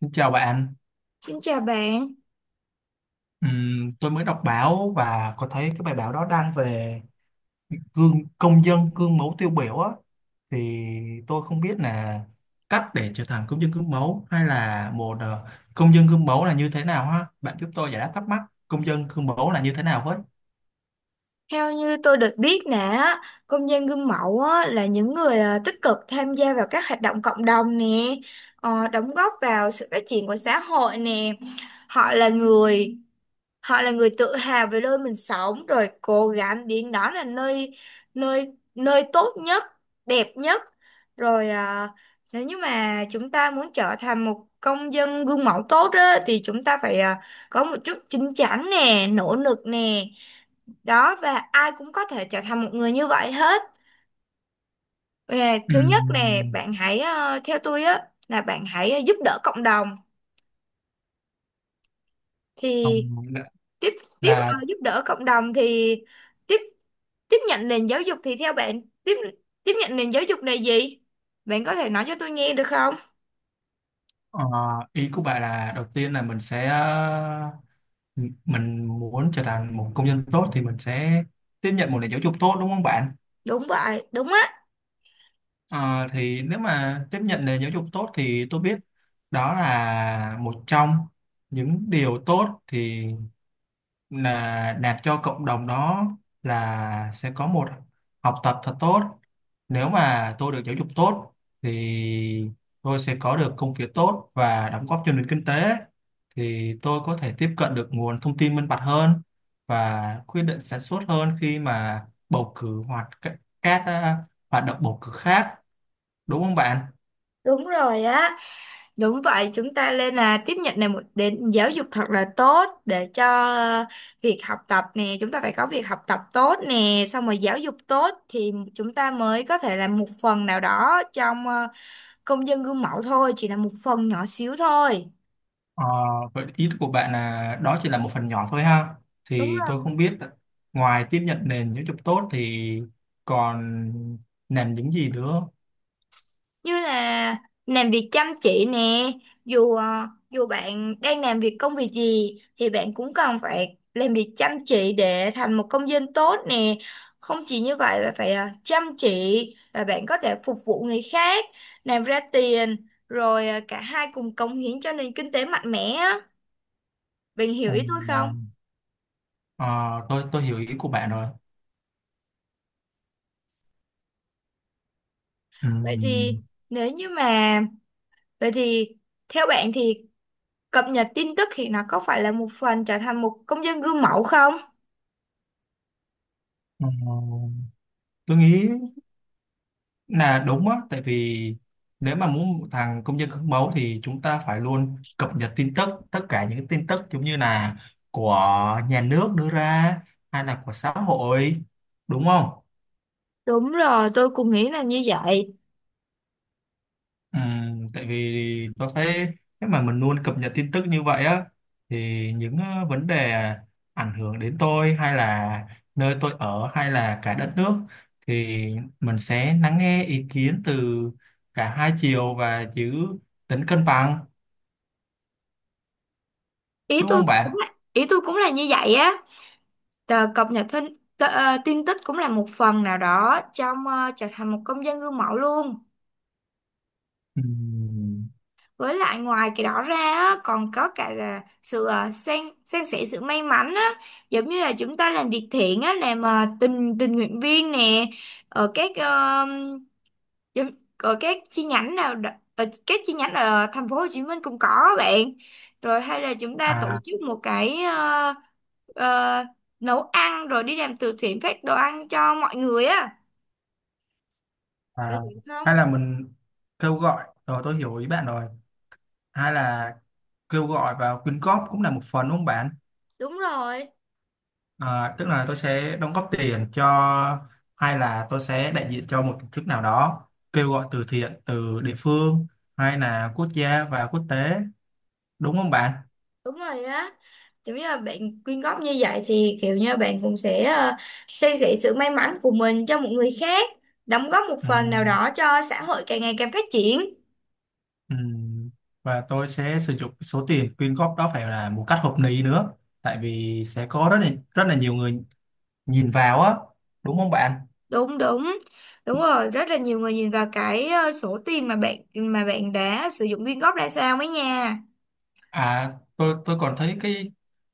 Xin chào bạn. Xin chào bạn. Tôi mới đọc báo và có thấy cái bài báo đó đăng về gương công dân gương mẫu tiêu biểu á, thì tôi không biết là cách để trở thành công dân gương mẫu, hay là một công dân gương mẫu là như thế nào ha? Bạn giúp tôi giải đáp thắc mắc công dân gương mẫu là như thế nào với. Theo như tôi được biết nè, á, công dân gương mẫu á, là những người à, tích cực tham gia vào các hoạt động cộng đồng nè, đóng góp vào sự phát triển của xã hội nè. Họ là người, họ là người tự hào về nơi mình sống, rồi cố gắng biến đó là nơi nơi nơi tốt nhất, đẹp nhất. Rồi à, nếu như mà chúng ta muốn trở thành một công dân gương mẫu tốt á, thì chúng ta phải à, có một chút chín chắn nè, nỗ lực nè. Đó, và ai cũng có thể trở thành một người như vậy hết. Và thứ nhất là Ừm, bạn hãy theo tôi á, là bạn hãy giúp đỡ cộng đồng ờ, thì là, tiếp tiếp ờ, là giúp đỡ cộng đồng thì tiếp tiếp nhận nền giáo dục. Thì theo bạn, tiếp tiếp nhận nền giáo dục là gì, bạn có thể nói cho tôi nghe được không? ờ, ý của bạn là đầu tiên là mình sẽ, mình muốn trở thành một công dân tốt thì mình sẽ tiếp nhận một nền giáo dục tốt đúng không bạn? Đúng vậy, đúng á, Ờ, thì nếu mà tiếp nhận nền giáo dục tốt thì tôi biết đó là một trong những điều tốt, thì là đạt cho cộng đồng đó là sẽ có một học tập thật tốt. Nếu mà tôi được giáo dục tốt thì tôi sẽ có được công việc tốt và đóng góp cho nền kinh tế, thì tôi có thể tiếp cận được nguồn thông tin minh bạch hơn và quyết định sản xuất hơn khi mà bầu cử hoặc các hoạt động bầu cử khác. Đúng không bạn? đúng rồi á. Đúng vậy, chúng ta nên là tiếp nhận này một đến giáo dục thật là tốt để cho ờ, việc học tập nè, chúng ta phải có việc học tập tốt nè, xong rồi giáo dục tốt thì chúng ta mới có thể làm một phần nào đó trong công dân gương mẫu thôi, chỉ là một phần nhỏ xíu thôi. Ờ, vậy ý của bạn là đó chỉ là một phần nhỏ thôi ha. Đúng Thì tôi rồi. không biết ngoài tiếp nhận nền giáo dục tốt thì còn làm những gì nữa. Như là làm việc chăm chỉ nè, dù bạn đang làm việc công việc gì thì bạn cũng cần phải làm việc chăm chỉ để thành một công dân tốt nè. Không chỉ như vậy mà phải chăm chỉ, và bạn có thể phục vụ người khác, làm ra tiền, rồi cả hai cùng cống hiến cho nền kinh tế mạnh mẽ á. Bạn hiểu Ờ, ý tôi không? ờ, tôi hiểu ý của bạn rồi. Vậy thì Ừm, nếu như mà, vậy thì theo bạn thì cập nhật tin tức thì nó có phải là một phần trở thành một công dân gương mẫu không? ờ, tôi nghĩ là đúng á, tại vì nếu mà muốn một thằng công dân gương mẫu thì chúng ta phải luôn cập nhật tin tức, tất cả những tin tức giống như là của nhà nước đưa ra hay là của xã hội, đúng không? Đúng rồi, tôi cũng nghĩ là như vậy. Ừ, tại vì tôi thấy nếu mà mình luôn cập nhật tin tức như vậy á thì những vấn đề ảnh hưởng đến tôi hay là nơi tôi ở hay là cả đất nước thì mình sẽ lắng nghe ý kiến từ cả hai chiều và giữ tính cân bằng đúng không bạn? Ý tôi cũng là như vậy á. Tờ cập nhật tin, tờ, ờ, tin tức cũng là một phần nào đó trong trở thành một công dân gương mẫu luôn. Ừ, Với lại ngoài cái đó ra á, còn có cả là sự san san sẻ sự may mắn á, giống như là chúng ta làm việc thiện á, làm tình tình nguyện viên nè, ở các Giống- Rồi các chi nhánh ở các chi nhánh ở thành phố Hồ Chí Minh cũng có á bạn. Rồi hay là chúng ta tổ à, chức một cái ờ, nấu ăn rồi đi làm từ thiện, phát đồ ăn cho mọi người á. Bạn à hiểu không? hay là mình kêu gọi, rồi tôi hiểu ý bạn rồi, hay là kêu gọi vào quyên góp cũng là một phần đúng không bạn? Đúng rồi, À, tức là tôi sẽ đóng góp tiền cho, hay là tôi sẽ đại diện cho một tổ chức nào đó kêu gọi từ thiện từ địa phương hay là quốc gia và quốc tế, đúng không bạn? đúng rồi á. Giống như là bạn quyên góp như vậy thì kiểu như bạn cũng sẽ san sẻ sự may mắn của mình cho một người khác, đóng góp một Ừ, phần nào đó cho xã hội càng ngày càng phát triển. ừ. Và tôi sẽ sử dụng số tiền quyên góp đó phải là một cách hợp lý nữa, tại vì sẽ có rất là nhiều người nhìn vào á, đúng không bạn? Đúng, đúng, đúng rồi, rất là nhiều người nhìn vào cái số tiền mà bạn đã sử dụng quyên góp ra sao ấy nha. À, tôi còn thấy cái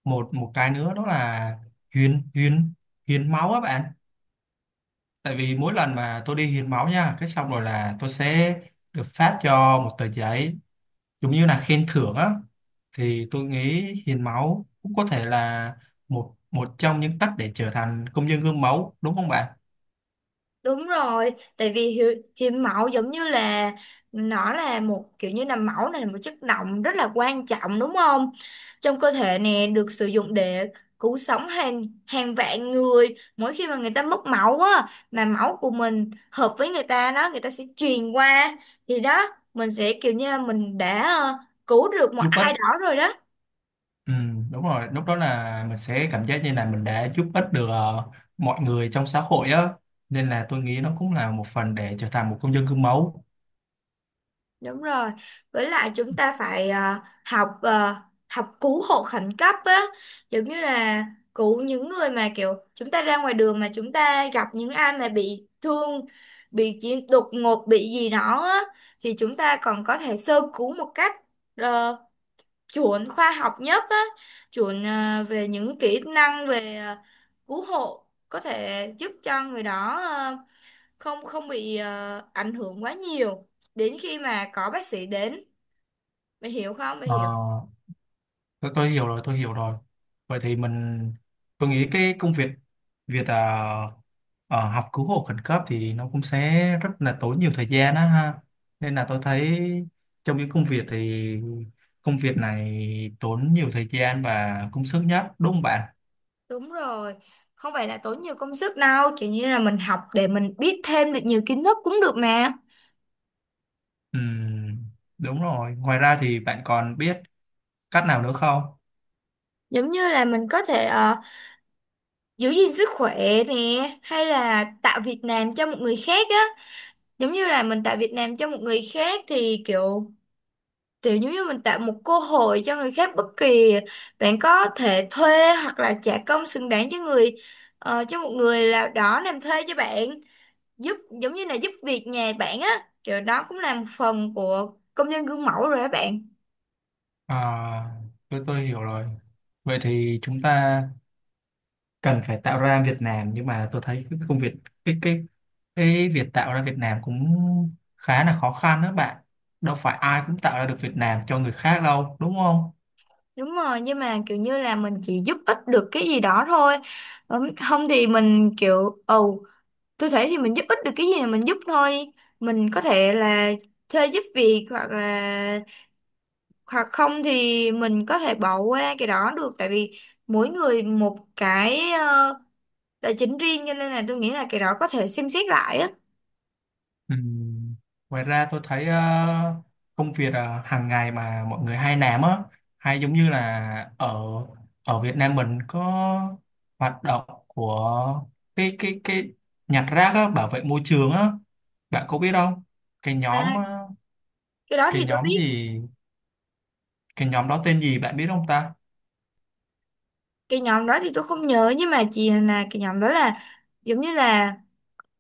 một một cái nữa đó là hiến hiến hiến máu á bạn. Tại vì mỗi lần mà tôi đi hiến máu nha cái xong rồi là tôi sẽ được phát cho một tờ giấy giống như là khen thưởng á, thì tôi nghĩ hiến máu cũng có thể là một một trong những cách để trở thành công dân gương mẫu đúng không bạn? Đúng rồi, tại vì hiến máu giống như là nó là một kiểu như là máu này là một chất động rất là quan trọng, đúng không? Trong cơ thể nè, được sử dụng để cứu sống hàng hàng vạn người mỗi khi mà người ta mất máu á, mà máu của mình hợp với người ta đó, người ta sẽ truyền qua. Thì đó, mình sẽ kiểu như là mình đã cứu được một Giúp ích, ai đó rồi đó. ừ, đúng rồi, lúc đó là mình sẽ cảm giác như là mình đã giúp ích được mọi người trong xã hội á, nên là tôi nghĩ nó cũng là một phần để trở thành một công dân gương mẫu. Đúng rồi. Với lại chúng ta phải học ờ, học cứu hộ khẩn cấp á, giống như là cứu những người mà kiểu chúng ta ra ngoài đường mà chúng ta gặp những ai mà bị thương, bị chỉ đột ngột bị gì đó á, thì chúng ta còn có thể sơ cứu một cách ờ, chuẩn khoa học nhất á, chuẩn về những kỹ năng về cứu hộ, có thể giúp cho người đó không không bị ảnh hưởng quá nhiều đến khi mà có bác sĩ đến. Mày hiểu không, mày Ờ, hiểu? tôi hiểu rồi, tôi hiểu rồi. Vậy thì mình, tôi nghĩ cái công việc việc học cứu hộ khẩn cấp thì nó cũng sẽ rất là tốn nhiều thời gian á ha, nên là tôi thấy trong những công việc thì công việc này tốn nhiều thời gian và công sức nhất đúng không bạn? Đúng rồi, không phải là tốn nhiều công sức đâu, kiểu như là mình học để mình biết thêm được nhiều kiến thức cũng được mà. Ừm, đúng rồi, ngoài ra thì bạn còn biết cách nào nữa không? Giống như là mình có thể giữ gìn sức khỏe nè, hay là tạo việc làm cho một người khác á. Giống như là mình tạo việc làm cho một người khác thì kiểu, kiểu giống như mình tạo một cơ hội cho người khác. Bất kỳ bạn có thể thuê hoặc là trả công xứng đáng cho cho một người nào đó làm thuê cho bạn, giúp, giống như là giúp việc nhà bạn á, kiểu đó cũng là một phần của công nhân gương mẫu rồi á bạn. À, tôi hiểu rồi. Vậy thì chúng ta cần phải tạo ra Việt Nam, nhưng mà tôi thấy cái công việc, cái cái cái việc tạo ra Việt Nam cũng khá là khó khăn đó bạn. Đâu phải ai cũng tạo ra được Việt Nam cho người khác đâu đúng không? Đúng rồi, nhưng mà kiểu như là mình chỉ giúp ích được cái gì đó thôi. Không thì mình kiểu ồ, tôi thấy thì mình giúp ích được cái gì là mình giúp thôi. Mình có thể là thuê giúp việc, hoặc là, hoặc không thì mình có thể bỏ qua cái đó được, tại vì mỗi người một cái tài chính riêng, cho nên là tôi nghĩ là cái đó có thể xem xét lại á. Ừm, ngoài ra tôi thấy công việc hàng ngày mà mọi người hay làm á, hay giống như là ở ở Việt Nam mình có hoạt động của cái nhặt rác á, bảo vệ môi trường á, bạn có biết không? Cái nhóm À, cái đó cái thì tôi nhóm biết. gì? Cái nhóm đó tên gì bạn biết không ta? Cái nhóm đó thì tôi không nhớ, nhưng mà chỉ là cái nhóm đó là giống như là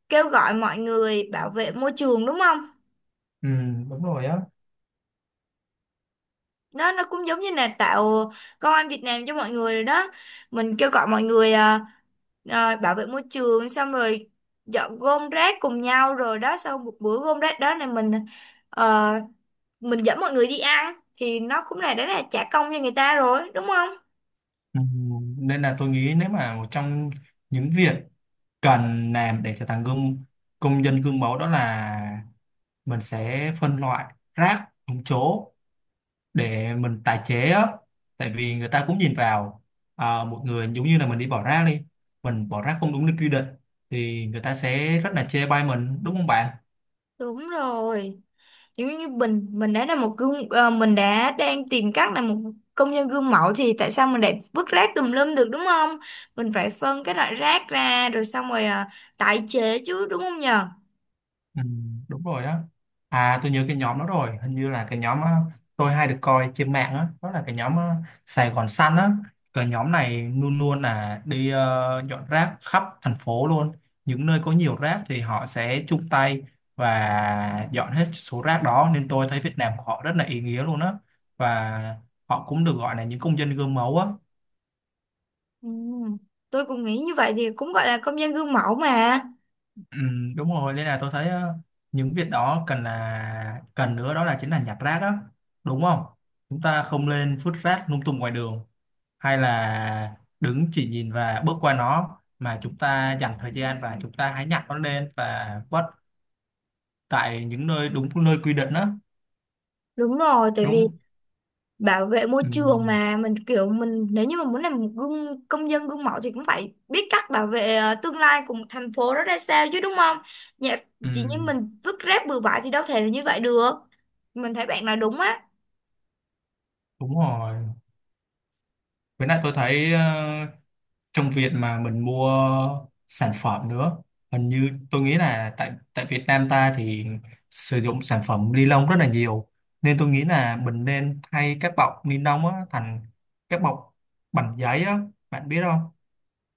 kêu gọi mọi người bảo vệ môi trường, đúng không? Ừ, đúng rồi á. Đó, nó cũng giống như là tạo công an Việt Nam cho mọi người rồi đó. Mình kêu gọi mọi người bảo vệ môi trường, xong rồi dọn gom rác cùng nhau. Rồi đó, sau một bữa gom rác đó là mình ờ, mình dẫn mọi người đi ăn, thì nó cũng là đã là trả công cho người ta rồi, đúng không? Ừ, nên là tôi nghĩ nếu mà một trong những việc cần làm để trở thành gương công dân gương mẫu đó là mình sẽ phân loại rác đúng chỗ để mình tái chế á, tại vì người ta cũng nhìn vào, à, một người giống như là mình đi bỏ rác đi, mình bỏ rác không đúng nơi quy định thì người ta sẽ rất là chê bai mình đúng không bạn? Đúng rồi, giống như mình đã là một gương, mình đã đang tìm cách là một công dân gương mẫu thì tại sao mình lại vứt rác tùm lum được, đúng không? Mình phải phân cái loại rác ra, rồi xong rồi à, tái chế chứ, đúng không nhờ? Ừ, đúng rồi á. À tôi nhớ cái nhóm đó rồi, hình như là cái nhóm, tôi hay được coi trên mạng á, đó là cái nhóm Sài Gòn Xanh á. Cái nhóm này luôn luôn là đi dọn rác khắp thành phố luôn. Những nơi có nhiều rác thì họ sẽ chung tay và dọn hết số rác đó, nên tôi thấy Việt Nam của họ rất là ý nghĩa luôn á, và họ cũng được gọi là những công dân gương mẫu á. Ừ, tôi cũng nghĩ như vậy thì cũng gọi là công dân gương mẫu mà. Ừ, đúng rồi, nên là tôi thấy những việc đó cần là cần nữa đó là chính là nhặt rác đó, đúng không? Chúng ta không lên vứt rác lung tung ngoài đường hay là đứng chỉ nhìn và bước qua nó, mà chúng ta dành thời gian và chúng ta hãy nhặt nó lên và vứt tại những nơi đúng nơi quy định đó. Đúng rồi, tại vì Đúng. bảo vệ môi Ừ, trường mà mình kiểu, mình nếu như mà muốn làm một gương công dân gương mẫu thì cũng phải biết cách bảo vệ tương lai của một thành phố đó ra sao chứ, đúng không? Dạ, ừ, chỉ như mình vứt rác bừa bãi thì đâu thể là như vậy được. Mình thấy bạn nói đúng á. đúng rồi, với lại tôi thấy trong việc mà mình mua sản phẩm nữa, hình như tôi nghĩ là tại tại Việt Nam ta thì sử dụng sản phẩm ni lông rất là nhiều, nên tôi nghĩ là mình nên thay các bọc ni lông á thành các bọc bằng giấy á, bạn biết không?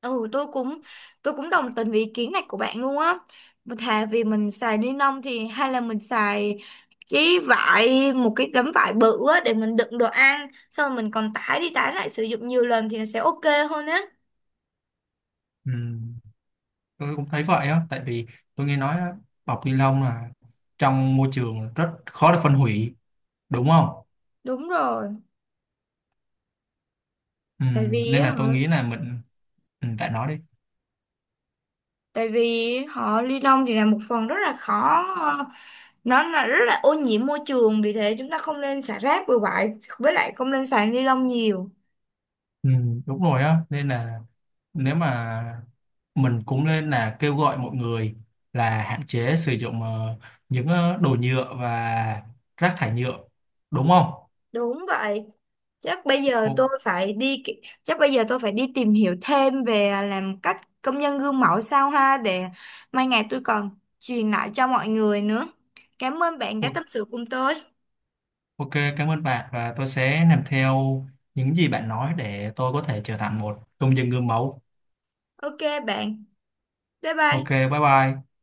Ừ, tôi cũng đồng tình với ý kiến này của bạn luôn á. Mà thà vì mình xài ni lông thì hay là mình xài cái vải, một cái tấm vải bự á, để mình đựng đồ ăn, xong rồi mình còn tải đi tải lại sử dụng nhiều lần thì nó sẽ ok hơn á. Ừ, tôi cũng thấy vậy á, tại vì tôi nghe nói á, bọc ni lông là trong môi trường rất khó để phân hủy đúng không? Đúng rồi. Ừ, Tại vì nên á là hả, tôi nghĩ là mình, ừ, bạn nói đi. tại vì họ ly lông thì là một phần rất là khó, nó là rất là ô nhiễm môi trường, vì thế chúng ta không nên xả rác bừa bãi, với lại không nên xài ni lông nhiều. Ừ, đúng rồi á, nên là nếu mà mình cũng nên là kêu gọi mọi người là hạn chế sử dụng những đồ nhựa và rác thải nhựa, đúng không? Đúng vậy, O- chắc bây giờ tôi phải đi tìm hiểu thêm về làm cách công nhân gương mẫu sao ha, để mai ngày tôi còn truyền lại cho mọi người nữa. Cảm ơn bạn đã o- tâm sự cùng tôi. Ok, cảm ơn bạn và tôi sẽ làm theo những gì bạn nói để tôi có thể trở thành một công dân gương mẫu. Ok bạn, bye Ok, bye. bye bye.